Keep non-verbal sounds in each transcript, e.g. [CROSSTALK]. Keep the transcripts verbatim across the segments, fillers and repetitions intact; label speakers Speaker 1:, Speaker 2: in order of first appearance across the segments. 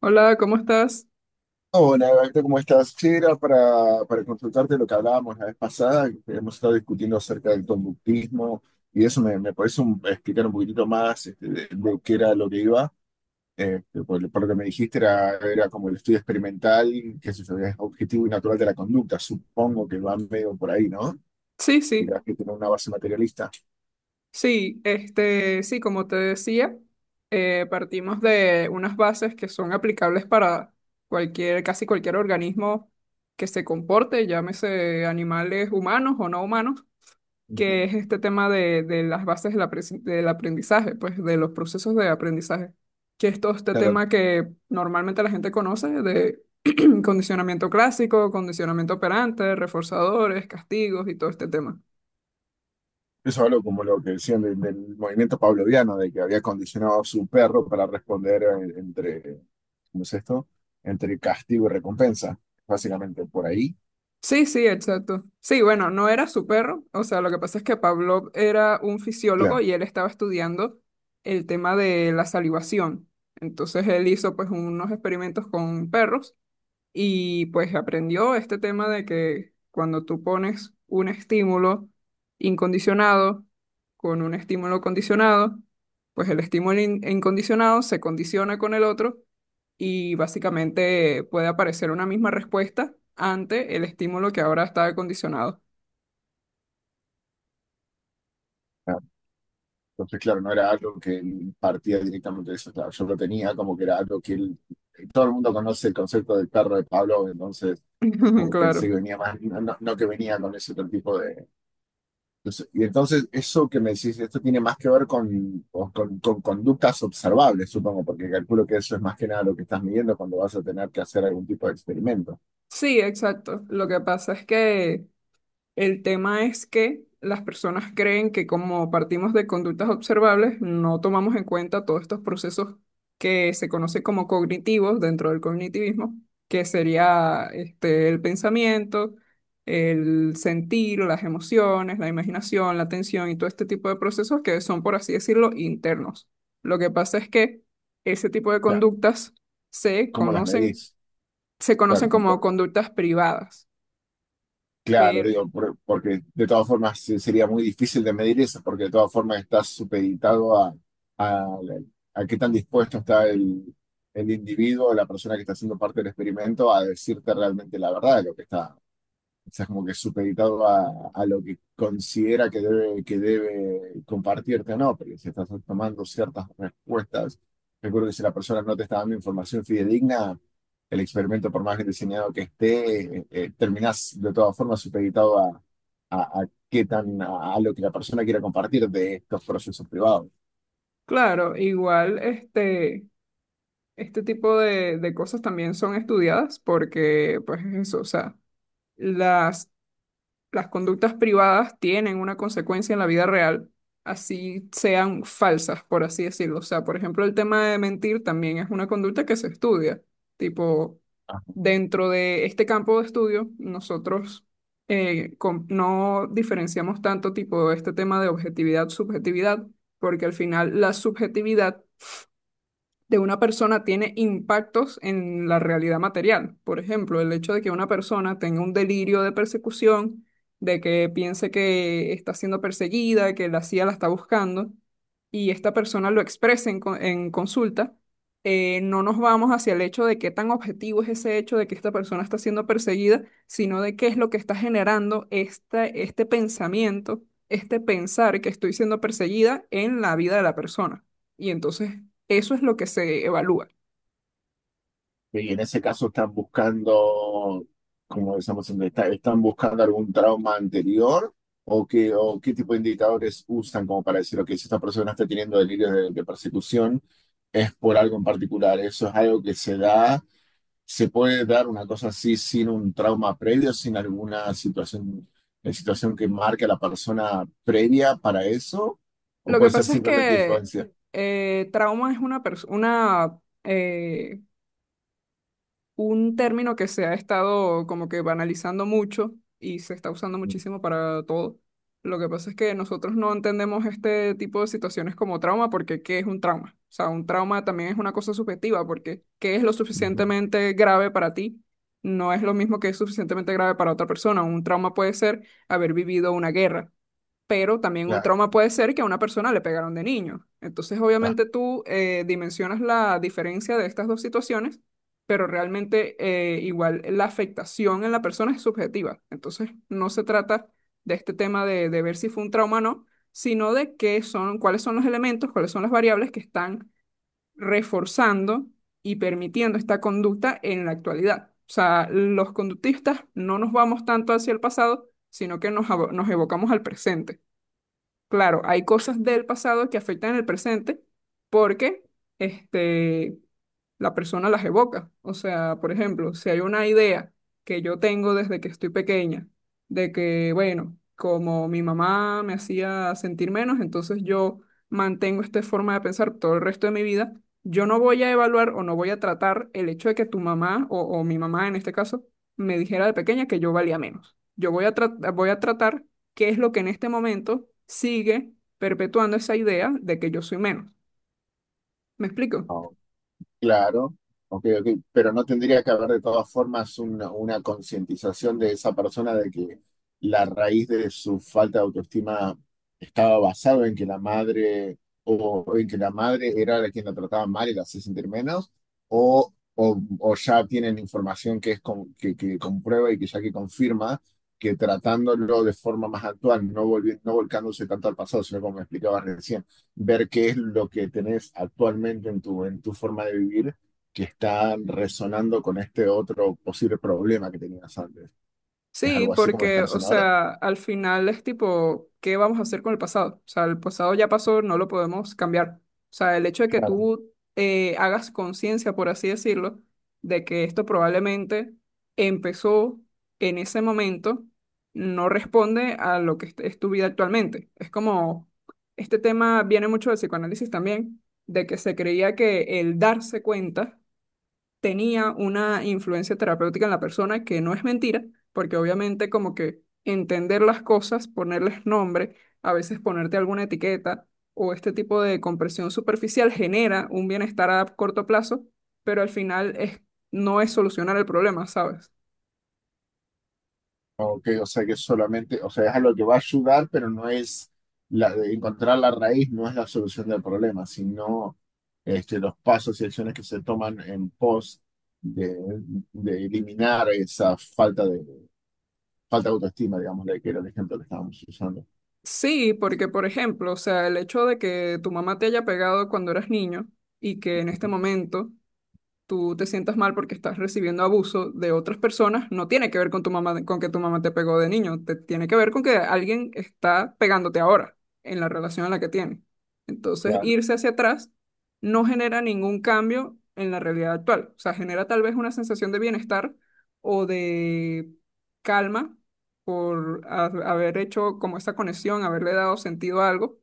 Speaker 1: Hola, ¿cómo estás?
Speaker 2: Hola, Gaito, ¿cómo estás? Sí, era para, para consultarte lo que hablábamos la vez pasada, que hemos estado discutiendo acerca del conductismo y eso me, me puedes un- explicar un poquitito más este, de, de qué era lo que iba. Eh, por, por lo que me dijiste era, era como el estudio experimental, que es objetivo y natural de la conducta, supongo que va medio por ahí, ¿no?
Speaker 1: Sí,
Speaker 2: Dirás
Speaker 1: sí,
Speaker 2: que tiene una base materialista.
Speaker 1: sí, este, sí, como te decía, eh, partimos de unas bases que son aplicables para cualquier, casi cualquier organismo que se comporte, llámese animales humanos o no humanos,
Speaker 2: Ujú.
Speaker 1: que es este tema de, de las bases del, apre- del aprendizaje, pues de los procesos de aprendizaje, que es todo este
Speaker 2: Claro,
Speaker 1: tema que normalmente la gente conoce de [CLEARS THROAT] condicionamiento clásico, condicionamiento operante, reforzadores, castigos y todo este tema.
Speaker 2: eso hablo como lo que decían del, del movimiento pavloviano, de que había condicionado a su perro para responder eh, entre ¿cómo es esto? Entre castigo y recompensa, básicamente por ahí.
Speaker 1: Sí, sí, exacto. Sí, bueno, no era su perro. O sea, lo que pasa es que Pavlov era un fisiólogo
Speaker 2: Claro,
Speaker 1: y él estaba estudiando el tema de la salivación. Entonces él hizo pues unos experimentos con perros y pues aprendió este tema de que cuando tú pones un estímulo incondicionado con un estímulo condicionado, pues el estímulo in- incondicionado se condiciona con el otro y básicamente puede aparecer una misma respuesta ante el estímulo que ahora está condicionado.
Speaker 2: claro. Entonces, claro, no era algo que él partía directamente de eso, claro, yo lo tenía como que era algo que él, eh, todo el mundo conoce el concepto del perro de Pablo, entonces
Speaker 1: [LAUGHS]
Speaker 2: como que pensé
Speaker 1: Claro.
Speaker 2: que venía más, no, no- no que venía con ese otro tipo de... entonces- y entonces eso que me decís, esto tiene más que ver con, o con, con conductas observables, supongo, porque calculo que eso es más que nada lo que estás midiendo cuando vas a tener que hacer algún tipo de experimento. O
Speaker 1: Sí, exacto. Lo que pasa es que el tema es que las personas creen que como partimos de conductas observables, no tomamos en cuenta todos estos procesos que se conocen como cognitivos dentro del cognitivismo, que sería este, el pensamiento, el sentir, las emociones, la imaginación, la atención y todo este tipo de procesos que son, por así decirlo, internos. Lo que pasa es que ese tipo de
Speaker 2: sea,
Speaker 1: conductas se
Speaker 2: ¿cómo las
Speaker 1: conocen,
Speaker 2: medís?
Speaker 1: se conocen
Speaker 2: Claro,
Speaker 1: como conductas privadas.
Speaker 2: claro,
Speaker 1: Pero
Speaker 2: digo, por- porque de todas formas se- sería muy difícil de medir eso, porque de todas formas estás supeditado a, a, a qué tan dispuesto está el, el individuo, la persona que está haciendo parte del experimento, a decirte realmente la verdad de lo que está, o sea, es como que es supeditado a, a lo que considera que debe, que debe compartirte o no, porque si estás tomando ciertas respuestas, recuerdo que si la persona no te está dando información fidedigna, el experimento, por más bien diseñado que esté, eh, eh, terminás de todas formas supeditado a, a, a qué tan, a, a lo que la persona quiera compartir de estos procesos privados.
Speaker 1: claro, igual este, este tipo de, de cosas también son estudiadas porque, pues eso, o sea, las, las conductas privadas tienen una consecuencia en la vida real, así sean falsas, por así decirlo. O sea, por ejemplo, el tema de mentir también es una conducta que se estudia. Tipo, dentro de este campo de estudio, nosotros eh, com- no diferenciamos tanto tipo este tema de objetividad-subjetividad, porque al final la subjetividad de una persona tiene impactos en la realidad material. Por ejemplo, el hecho de que una persona tenga un delirio de persecución, de que piense que está siendo perseguida, que la C I A la está buscando, y esta persona lo exprese en, co- en consulta, eh, no nos vamos hacia el hecho de qué tan objetivo es ese hecho de que esta persona está siendo perseguida, sino de qué es lo que está generando esta, este pensamiento, este pensar que estoy siendo perseguida en la vida de la persona. Y entonces eso es lo que se evalúa.
Speaker 2: Y en ese caso están buscando, como decíamos antes, está- están buscando algún trauma anterior o qué, o qué tipo de indicadores usan como para decir, ok, si esta persona está teniendo delirios de, de persecución, es por algo en particular. Eso es algo que se da, se puede dar una cosa así sin un trauma previo, sin alguna situación, eh, situación que marque a la persona previa para eso, o
Speaker 1: Lo que
Speaker 2: puede ser
Speaker 1: pasa es
Speaker 2: simplemente
Speaker 1: que
Speaker 2: influencia.
Speaker 1: eh, trauma es una pers- una, eh, un término que se ha estado como que banalizando mucho y se está usando muchísimo para todo. Lo que pasa es que nosotros no entendemos este tipo de situaciones como trauma porque ¿qué es un trauma? O sea, un trauma también es una cosa subjetiva porque ¿qué es lo
Speaker 2: Ujú,
Speaker 1: suficientemente grave para ti? No es lo mismo que es suficientemente grave para otra persona. Un trauma puede ser haber vivido una guerra, pero también un
Speaker 2: claro,
Speaker 1: trauma puede ser que a una persona le pegaron de niño. Entonces, obviamente tú eh, dimensionas la diferencia de estas dos situaciones, pero realmente eh, igual la afectación en la persona es subjetiva. Entonces, no se trata de este tema de, de ver si fue un trauma o no, sino de qué son, cuáles son los elementos, cuáles son las variables que están reforzando y permitiendo esta conducta en la actualidad. O sea, los conductistas no nos vamos tanto hacia el pasado, sino que nos, avo- nos evocamos al presente. Claro, hay cosas del pasado que afectan el presente porque este, la persona las evoca. O sea, por ejemplo, si hay una idea que yo tengo desde que estoy pequeña, de que, bueno, como mi mamá me hacía sentir menos, entonces yo mantengo esta forma de pensar todo el resto de mi vida, yo no voy a evaluar o no voy a tratar el hecho de que tu mamá o, o mi mamá en este caso me dijera de pequeña que yo valía menos. Yo voy a, tra- voy a tratar qué es lo que en este momento sigue perpetuando esa idea de que yo soy menos. ¿Me explico?
Speaker 2: está. Claro, ok, ok, pero no tendría que haber de todas formas una, una concientización de esa persona de que la raíz de su falta de autoestima estaba basado en que la madre o en que la madre era la quien la trataba mal y la hacía sentir menos, o, o, o ya tienen información que es con- que, que comprueba y que ya que confirma que tratándolo de forma más actual, no volvi- no volcándose tanto al pasado, sino como me explicabas recién ver qué es lo que tenés actualmente en tu, en tu forma de vivir que está resonando con este otro posible problema que tenías antes. ¿Es
Speaker 1: Sí,
Speaker 2: algo así como lo
Speaker 1: porque,
Speaker 2: están
Speaker 1: o
Speaker 2: haciendo ahora?
Speaker 1: sea, al final es tipo, ¿qué vamos a hacer con el pasado? O sea, el pasado ya pasó, no lo podemos cambiar. O sea, el hecho de que
Speaker 2: Claro.
Speaker 1: tú eh, hagas conciencia, por así decirlo, de que esto probablemente empezó en ese momento, no responde a lo que es es tu vida actualmente. Es como, este tema viene mucho del psicoanálisis también, de que se creía que el darse cuenta tenía una influencia terapéutica en la persona, que no es mentira, porque obviamente como que entender las cosas, ponerles nombre, a veces ponerte alguna etiqueta o este tipo de compresión superficial genera un bienestar a corto plazo, pero al final es, no es solucionar el problema, ¿sabes?
Speaker 2: Ok, o sea que solamente, o sea, es algo que va a ayudar, pero no es la, encontrar la raíz, no es la solución del problema, sino este, los pasos y acciones que se toman en pos de, de eliminar esa falta de, falta de autoestima, digamos, de que era el ejemplo que estábamos usando.
Speaker 1: Sí, porque por ejemplo, o sea, el hecho de que tu mamá te haya pegado cuando eras niño y que en este
Speaker 2: Ujú,
Speaker 1: momento tú te sientas mal porque estás recibiendo abuso de otras personas, no tiene que ver con tu mamá, con que tu mamá te pegó de niño, te tiene que ver con que alguien está pegándote ahora en la relación en la que tiene. Entonces,
Speaker 2: claro,
Speaker 1: irse hacia atrás no genera ningún cambio en la realidad actual. O sea, genera tal vez una sensación de bienestar o de calma por ha- haber hecho como esa conexión, haberle dado sentido a algo,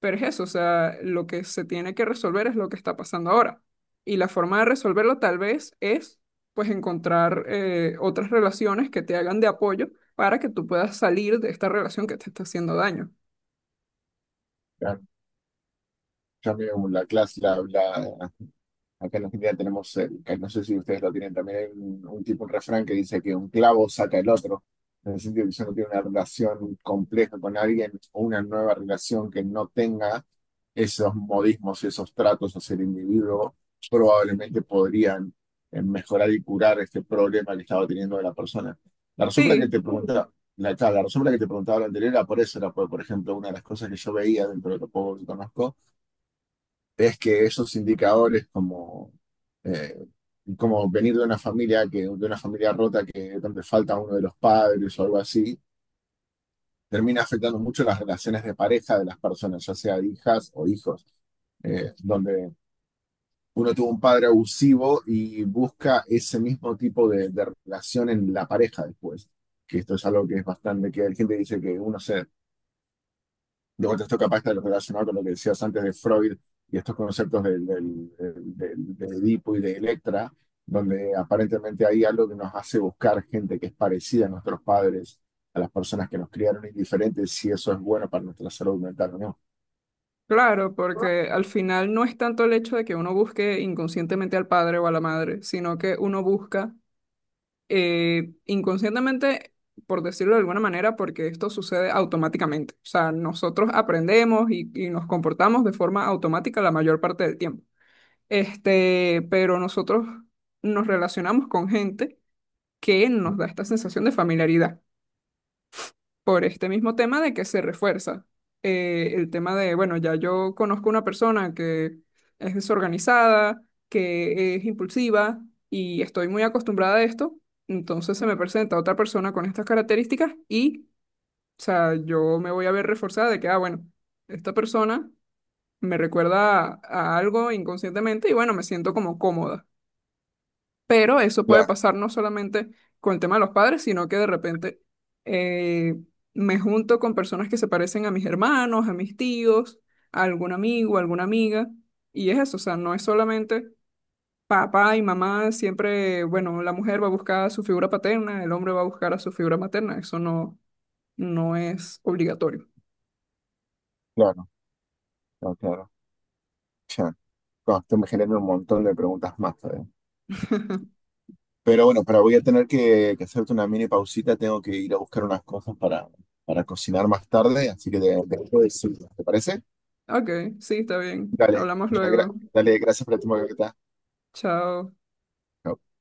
Speaker 1: pero es eso, o sea, lo que se tiene que resolver es lo que está pasando ahora. Y la forma de resolverlo tal vez es, pues, encontrar eh, otras relaciones que te hagan de apoyo para que tú puedas salir de esta relación que te está haciendo daño.
Speaker 2: claro. Ya veo la clase, la, la- acá en Argentina tenemos, el- que no sé si ustedes lo tienen también, hay un, un tipo, un refrán que dice que un clavo saca el otro, en el sentido que si uno tiene una relación compleja con alguien o una nueva relación que no tenga esos modismos, y esos tratos hacia el individuo, probablemente podrían eh, mejorar y curar este problema que estaba teniendo la persona. La razón por la que
Speaker 1: Sí,
Speaker 2: te preguntaba, la, claro, la razón por la que te preguntaba lo anterior era por eso, era por, por ejemplo, una de las cosas que yo veía dentro de lo poco que conozco es que esos indicadores como, eh, como venir de una familia que, de una familia rota que donde falta uno de los padres o algo así, termina afectando mucho las relaciones de pareja de las personas, ya sea de hijas o hijos, eh, donde uno tuvo un padre abusivo y busca ese mismo tipo de, de relación en la pareja después. Que esto es algo que es bastante, que la gente dice que uno se de vuelta esto capaz está relacionado con lo que decías antes de Freud y estos conceptos del, del, del- del- de Edipo y de Electra, donde aparentemente hay algo que nos hace buscar gente que es parecida a nuestros padres, a las personas que nos criaron indiferentes, si eso es bueno para nuestra salud mental o no.
Speaker 1: claro, porque al final no es tanto el hecho de que uno busque inconscientemente al padre o a la madre, sino que uno busca eh, inconscientemente, por decirlo de alguna manera, porque esto sucede automáticamente. O sea, nosotros aprendemos y, y nos comportamos de forma automática la mayor parte del tiempo. Este, pero nosotros nos relacionamos con gente que nos da esta sensación de familiaridad por este mismo tema de que se refuerza eh, el tema de, bueno, ya yo conozco una persona que es desorganizada, que es impulsiva y estoy muy acostumbrada a esto, entonces se me presenta otra persona con estas características y, o sea, yo me voy a ver reforzada de que, ah, bueno, esta persona me recuerda a, a algo inconscientemente y bueno, me siento como cómoda. Pero eso puede
Speaker 2: Claro,
Speaker 1: pasar no solamente con el tema de los padres, sino que de repente eh, me junto con personas que se parecen a mis hermanos, a mis tíos, a algún amigo, a alguna amiga. Y es eso, o sea, no es solamente papá y mamá, siempre, bueno, la mujer va a buscar a su figura paterna, el hombre va a buscar a su figura materna. Eso no, no es obligatorio.
Speaker 2: claro, claro, claro. Ya. No, esto me genera un montón de preguntas más todavía. Pero bueno, pero voy a tener que, que hacerte una mini pausita, tengo que ir a buscar unas cosas para, para cocinar más tarde, así que te, te dejo de decir, ¿te parece?
Speaker 1: Ok, sí, está bien.
Speaker 2: Dale,
Speaker 1: Hablamos
Speaker 2: gra-
Speaker 1: luego.
Speaker 2: dale, gracias por la tu
Speaker 1: Chao.
Speaker 2: Chao.